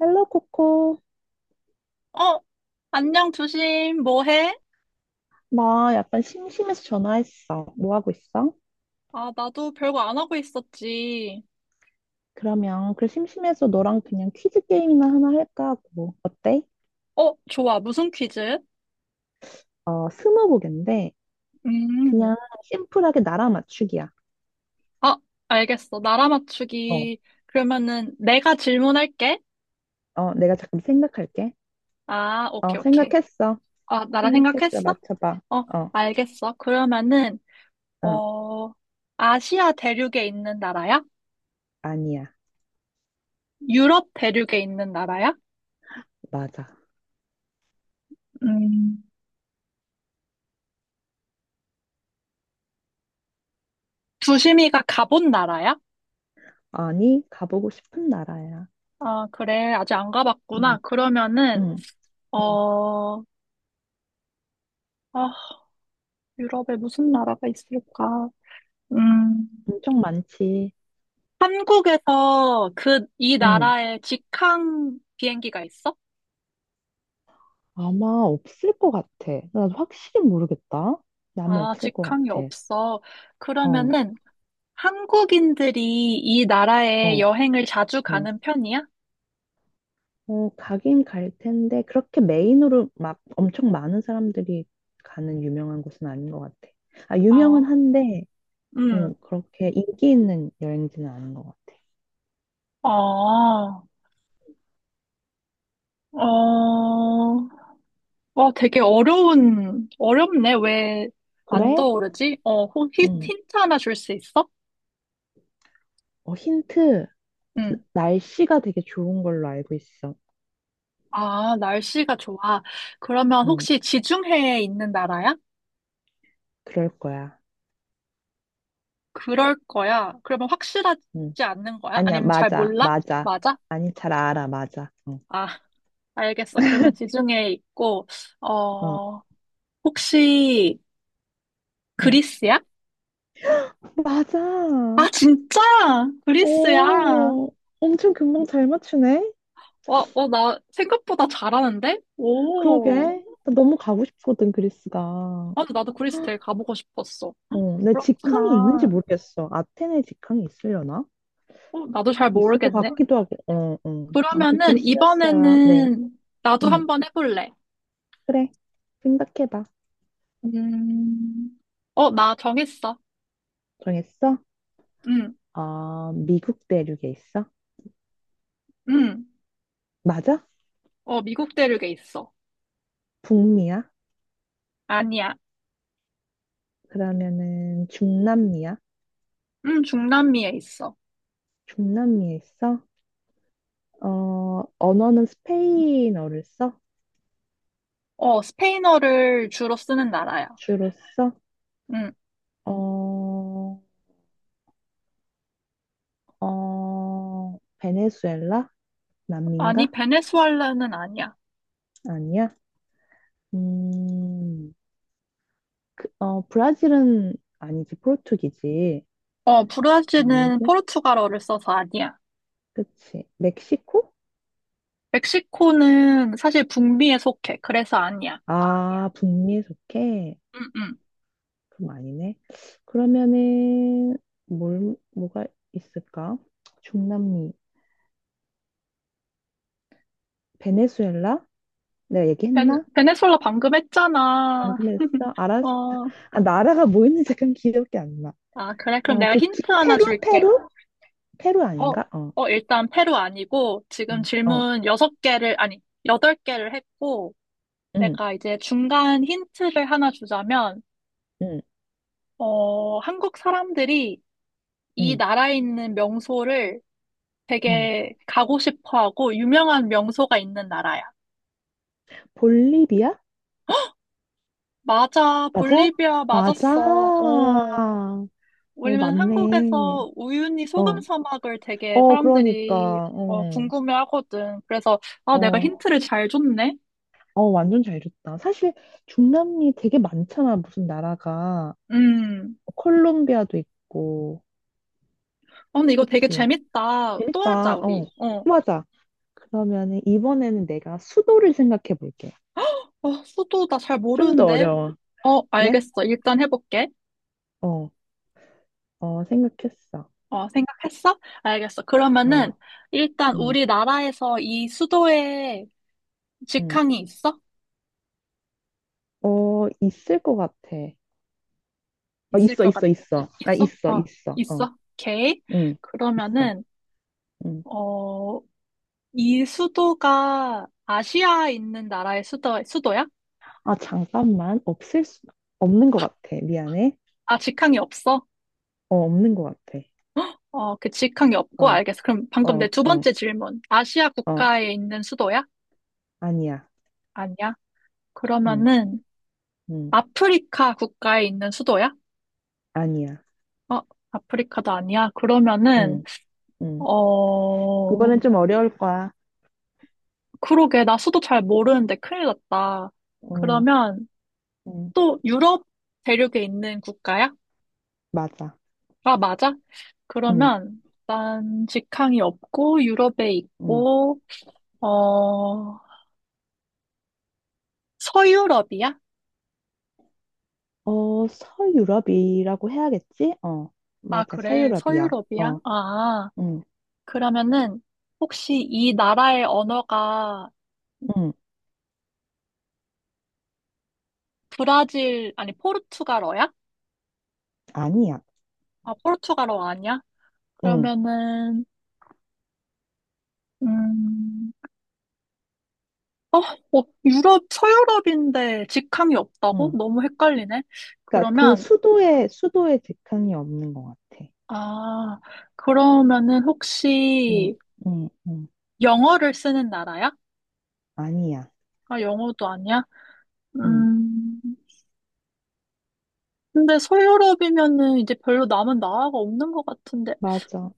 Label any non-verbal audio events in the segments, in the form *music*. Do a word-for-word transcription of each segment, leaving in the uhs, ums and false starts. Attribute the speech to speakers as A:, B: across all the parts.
A: 헬로 코코.
B: 어, 안녕, 두심 뭐 해?
A: 나 약간 심심해서 전화했어. 뭐 하고 있어?
B: 아, 나도 별거 안 하고 있었지.
A: 그러면 그 심심해서 너랑 그냥 퀴즈 게임이나 하나 할까 하고. 어때?
B: 어, 좋아. 무슨 퀴즈?
A: 어, 스무고인데 그냥
B: 음,
A: 심플하게 나라 맞추기야.
B: 아, 알겠어. 나라
A: 어,
B: 맞추기. 그러면은 내가 질문할게.
A: 어, 내가 잠깐 생각할게.
B: 아,
A: 어,
B: 오케이, 오케이.
A: 생각했어.
B: 아, 나라
A: 생각했어.
B: 생각했어?
A: 맞춰봐.
B: 어,
A: 어,
B: 알겠어. 그러면은,
A: 어
B: 어, 아시아 대륙에 있는 나라야?
A: 아니야.
B: 유럽 대륙에 있는 나라야?
A: 맞아.
B: 음, 두심이가 가본 나라야?
A: 아니, 가보고 싶은 나라야.
B: 아, 그래. 아직 안 가봤구나.
A: 응,
B: 그러면은,
A: 응,
B: 어,
A: 응.
B: 어, 유럽에 무슨 나라가 있을까? 음,
A: 엄청 많지.
B: 한국에서 그, 이
A: 응.
B: 나라에 직항 비행기가 있어?
A: 아마 없을 것 같아. 나 확실히 모르겠다. 근데 아마
B: 아,
A: 없을 것
B: 직항이
A: 같아.
B: 없어.
A: 어,
B: 그러면은 한국인들이 이 나라에
A: 어,
B: 여행을 자주
A: 응.
B: 가는 편이야?
A: 어, 가긴 갈 텐데, 그렇게 메인으로 막 엄청 많은 사람들이 가는 유명한 곳은 아닌 것 같아. 아, 유명은
B: 어.
A: 한데, 응,
B: 음,
A: 그렇게 인기 있는 여행지는 아닌 것 같아.
B: 아, 어, 어, 되게 어려운, 어렵네. 왜 안
A: 그래?
B: 떠오르지? 어, 혹시
A: 응.
B: 힌트 하나 줄 수 있어?
A: 어, 힌트.
B: 응.
A: 날씨가 되게 좋은 걸로 알고 있어.
B: 아, 날씨가 좋아. 그러면
A: 응,
B: 혹시 지중해에 있는 나라야?
A: 그럴 거야.
B: 그럴 거야. 그러면 확실하지
A: 응.
B: 않는 거야?
A: 아니야,
B: 아니면 잘
A: 맞아,
B: 몰라?
A: 맞아.
B: 맞아?
A: 아니, 잘 알아, 맞아. 어,
B: 아, 알겠어. 그러면 지중해에 있고,
A: 어.
B: 어, 혹시
A: 응.
B: 그리스야?
A: 맞아.
B: 아, 진짜? 그리스야?
A: 오, 엄청 금방 잘 맞추네.
B: 어, 어, 나 생각보다 잘하는데? 오.
A: 그러게. 나 너무 가고 싶거든, 그리스가.
B: 아, 근데 나도 그리스 되게 가보고 싶었어.
A: 어, 내 직항이 있는지
B: 그렇구나.
A: 모르겠어. 아테네 직항이 있으려나?
B: 어, 나도 잘
A: 있을 것
B: 모르겠네.
A: 같기도 하고. 어, 어. 아무튼
B: 그러면은
A: 그리스였어요. 네.
B: 이번에는 나도
A: 응,
B: 한번 해볼래.
A: 그래. 생각해봐.
B: 음, 어, 나 정했어.
A: 정했어?
B: 응,
A: 어, 미국 대륙에 있어?
B: 응.
A: 맞아?
B: 어, 미국 대륙에 있어.
A: 북미야?
B: 아니야.
A: 그러면은 중남미야?
B: 응, 중남미에 있어.
A: 중남미에 있어? 어, 언어는 스페인어를 써?
B: 어, 스페인어를 주로 쓰는 나라야.
A: 주로 써?
B: 응.
A: 어, 어, 베네수엘라?
B: 아니,
A: 남미인가?
B: 베네수엘라는 아니야.
A: 아니야? 음, 그, 어, 브라질은 아니지, 포르투기지.
B: 어, 브라질은
A: 아니고,
B: 포르투갈어를 써서 아니야.
A: 그치. 멕시코?
B: 멕시코는 사실 북미에 속해. 그래서 아니야.
A: 아, 북미에 속해.
B: 응, 응.
A: 그럼 아니네. 그러면은, 뭘, 뭐가 있을까? 중남미. 베네수엘라? 내가
B: 베,
A: 얘기했나?
B: 베네수엘라 방금 했잖아.
A: 방금
B: *laughs*
A: 했어? 알았어.
B: 어,
A: 아, 나라가 뭐였는지 잠깐 기억이 안 나.
B: 아, 그래. 그럼
A: 어,
B: 내가
A: 그, 기-
B: 힌트 하나
A: 페루?
B: 줄게.
A: 페루? 페루
B: 어,
A: 아닌가? 어,
B: 어, 일단 페루 아니고 지금
A: 음, 어,
B: 질문 여섯 개를 아니, 여덟 개를 했고
A: 응,
B: 내가 이제 중간 힌트를 하나 주자면
A: 응,
B: 어, 한국 사람들이 이
A: 응,
B: 나라에 있는 명소를
A: 응.
B: 되게 가고 싶어 하고 유명한 명소가 있는 나라야.
A: 볼리비아?
B: 맞아.
A: 맞아?
B: 볼리비아
A: 맞아.
B: 맞았어. 어.
A: 어,
B: 왜냐면
A: 맞네.
B: 한국에서 우유니
A: 어,
B: 소금 사막을 되게
A: 어, 그러니까,
B: 사람들이 어,
A: 어,
B: 궁금해 하거든. 그래서 아, 내가
A: 어,
B: 힌트를 잘 줬네.
A: 어, 완전 잘 줬다. 사실 중남미 되게 많잖아, 무슨 나라가.
B: 음.
A: 어, 콜롬비아도 있고,
B: 아, 근데 이거 되게
A: 그치?
B: 재밌다. 또 하자,
A: 재밌다. 어,
B: 우리. 어.
A: 맞아. 그러면은 이번에는 내가 수도를 생각해 볼게.
B: 어, 수도 나 잘
A: 좀 더
B: 모르는데.
A: 어려워.
B: 어,
A: 그래?
B: 알겠어. 일단 해볼게.
A: 어, 어, 생각했어.
B: 어, 생각했어? 알겠어.
A: 어,
B: 그러면은, 일단
A: 응,
B: 우리나라에서 이 수도에
A: 응.
B: 직항이 있어?
A: 어, 있을 것 같아. 어,
B: 있을
A: 있어,
B: 것
A: 있어,
B: 같아.
A: 있어. 아,
B: 있어?
A: 있어,
B: 어,
A: 있어. 어,
B: 있어. 오케이.
A: 응, 있어.
B: 그러면은,
A: 응.
B: 어, 이 수도가 아시아에 있는 나라의 수도, 수도야?
A: 아, 잠깐만. 없을 수, 없는 것 같아. 미안해.
B: 아, 직항이 없어?
A: 어, 없는 것 같아.
B: 어, 그 직항이
A: 어,
B: 없고, 알겠어. 그럼 방금 내
A: 어,
B: 두
A: 어,
B: 번째 질문. 아시아
A: 어.
B: 국가에 있는 수도야?
A: 아니야.
B: 아니야?
A: 응,
B: 그러면은
A: 응.
B: 아프리카 국가에 있는 수도야?
A: 아니야.
B: 어, 아프리카도 아니야? 그러면은
A: 응, 응.
B: 어,
A: 이번엔 좀 어려울 거야.
B: 그러게 나 수도 잘 모르는데 큰일 났다.
A: 응,
B: 그러면
A: 응.
B: 또 유럽 대륙에 있는 국가야?
A: 맞아.
B: 아, 맞아?
A: 응,
B: 그러면 난 직항이 없고 유럽에
A: 응.
B: 있고 어, 서유럽이야?
A: 어, 서유럽이라고 해야겠지? 어,
B: 아,
A: 맞아.
B: 그래.
A: 서유럽이야.
B: 서유럽이야?
A: 어,
B: 아,
A: 응,
B: 그러면은 혹시 이 나라의 언어가
A: 응.
B: 브라질, 아니, 포르투갈어야?
A: 아니야.
B: 아, 포르투갈어 아니야?
A: 응,
B: 그러면은, 음, 어, 어, 유럽, 서유럽인데 직항이 없다고?
A: 응.
B: 너무 헷갈리네.
A: 그러니까 그
B: 그러면,
A: 수도에 수도에 직항이 없는 것 같아.
B: 아, 그러면은
A: 응,
B: 혹시
A: 응, 응.
B: 영어를 쓰는 나라야?
A: 아니야.
B: 아, 영어도 아니야?
A: 응,
B: 음, 근데 서유럽이면은 이제 별로 남은 나라가 없는 것 같은데,
A: 맞아.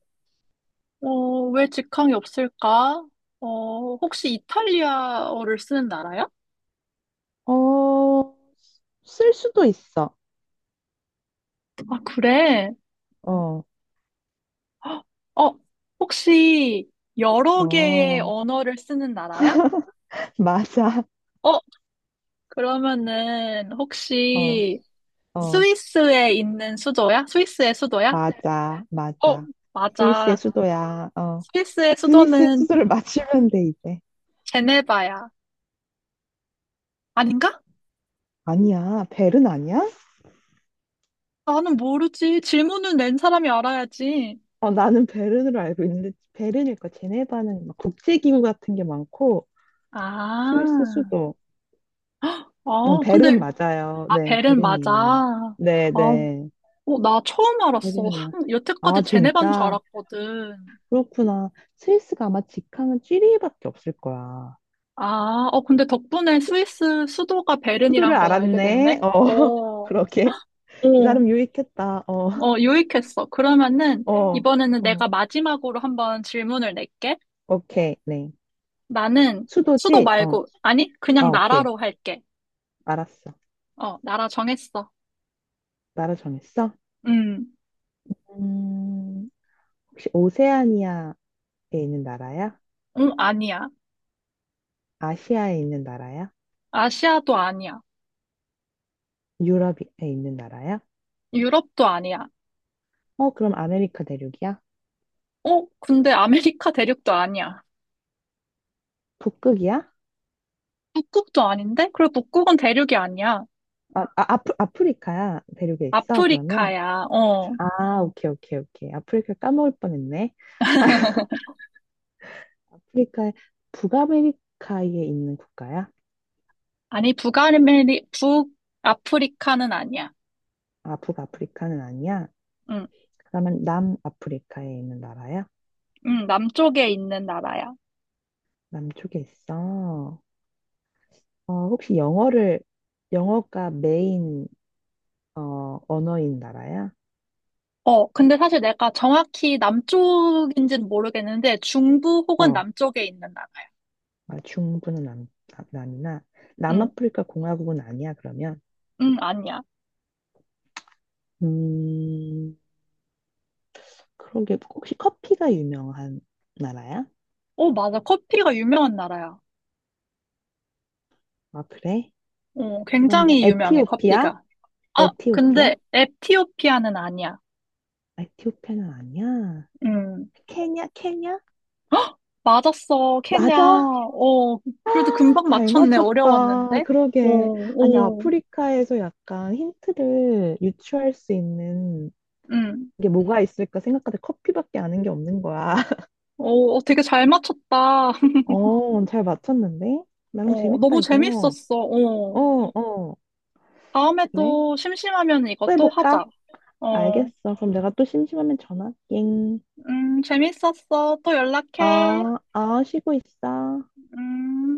B: 어, 왜 직항이 없을까? 어, 혹시 이탈리아어를 쓰는 나라야?
A: 어, 쓸 수도 있어.
B: 아, 그래?
A: 어,
B: 어, 혹시 여러 개의
A: 어,
B: 언어를 쓰는 나라야?
A: *laughs* 맞아.
B: 어, 그러면은
A: 어,
B: 혹시
A: 어,
B: 스위스에 있는 수도야? 스위스의 수도야?
A: 맞아,
B: 어,
A: 맞아. 스위스의
B: 맞아.
A: 수도야. 어,
B: 스위스의
A: 스위스의
B: 수도는
A: 수도를 맞추면 돼 이제.
B: 제네바야. 아닌가?
A: 아니야, 베른 아니야?
B: 나는 모르지. 질문을 낸 사람이 알아야지.
A: 어, 나는 베른으로 알고 있는데 베른일 거. 제네바는 막 국제기구 같은 게 많고
B: 아,
A: 스위스 수도. 음,
B: 어, 근데,
A: 베른 맞아요.
B: 아,
A: 네,
B: 벨은 맞아.
A: 베른이에요.
B: 아,
A: 네, 네.
B: 어, 나 처음 알았어.
A: 베른이요.
B: 한-
A: 아,
B: 여태까지 제네바인 줄
A: 진짜?
B: 알았거든.
A: 그렇구나. 스위스가 아마 직항은 쥐리히밖에 없을 거야.
B: 아, 어, 근데 덕분에 스위스 수도가
A: 수, 수도를
B: 베른이란 걸 알게 됐네?
A: 알았네. 어,
B: 어,
A: *laughs*
B: 어,
A: 그러게. 이 사람 유익했다. 어,
B: 어, 유익했어. 그러면은,
A: 어,
B: 이번에는
A: 어.
B: 내가 마지막으로 한번 질문을 낼게.
A: 오케이. 네.
B: 나는 수도
A: 수도지? 어,
B: 말고, 아니,
A: 아,
B: 그냥
A: 오케이.
B: 나라로 할게.
A: 알았어.
B: 어, 나라 정했어.
A: 나라 정했어?
B: 음,
A: 음, 혹시 오세아니아에 있는 나라야?
B: 음, 아니야.
A: 아시아에 있는 나라야?
B: 아시아도 아니야.
A: 유럽에 있는 나라야?
B: 유럽도 아니야.
A: 어, 그럼 아메리카 대륙이야?
B: 어, 근데 아메리카 대륙도 아니야.
A: 북극이야?
B: 북극도 아닌데? 그래, 북극은 대륙이 아니야.
A: 아, 아 아프, 아프리카야 대륙에 있어 그러면.
B: 아프리카야. 어.
A: 아 오케이 오케이 오케이 아프리카 까먹을 뻔했네. 아프리카에 북아메리카에 있는 국가야?
B: 아니, 북아메리, 북아프리카는 아니야.
A: 아 북아프리카는 아니야
B: 응,
A: 그러면 남아프리카에 있는 나라야?
B: 응, 남쪽에 있는 나라야.
A: 남쪽에 있어. 어 혹시 영어를 영어가 메인 어 언어인 나라야?
B: 어, 근데 사실 내가 정확히 남쪽인지는 모르겠는데, 중부 혹은
A: 어
B: 남쪽에 있는 나라야.
A: 아, 중부는 남, 남, 남이나
B: 응,
A: 남아프리카 공화국은 아니야 그러면.
B: 응, 아니야.
A: 음 그러게 혹시 커피가 유명한 나라야?
B: 어, 맞아. 커피가 유명한 나라야.
A: 아 그래?
B: 어,
A: 그러면
B: 굉장히 유명해,
A: 에티오피아?
B: 커피가. 아,
A: 에티오피아?
B: 근데 에티오피아는 아니야.
A: 에티오피아는 아니야.
B: 응,
A: 케냐? 케냐?
B: 헉, 맞았어. 케냐.
A: 맞아?
B: 어, 그래도 금방
A: 잘
B: 맞췄네.
A: 맞췄다.
B: 어려웠는데.
A: 그러게. 아니
B: 오, 오,
A: 아프리카에서 약간 힌트를 유추할 수 있는
B: 응.
A: 게 뭐가 있을까 생각하다 커피밖에 아는 게 없는 거야. *laughs*
B: 오, 되게 잘 맞췄다.
A: 어, 잘 맞췄는데? 나름
B: 어,
A: 재밌다
B: 너무
A: 이거.
B: 재밌었어.
A: 어,
B: 어.
A: 어.
B: 다음에
A: 그래?
B: 또 심심하면
A: 또
B: 이것도
A: 해볼까?
B: 하자. 어,
A: 알겠어. 그럼 내가 또 심심하면 전화. 땡.
B: 음, 재밌었어. 또 연락해.
A: 아, 아, 쉬고 있어.
B: 음.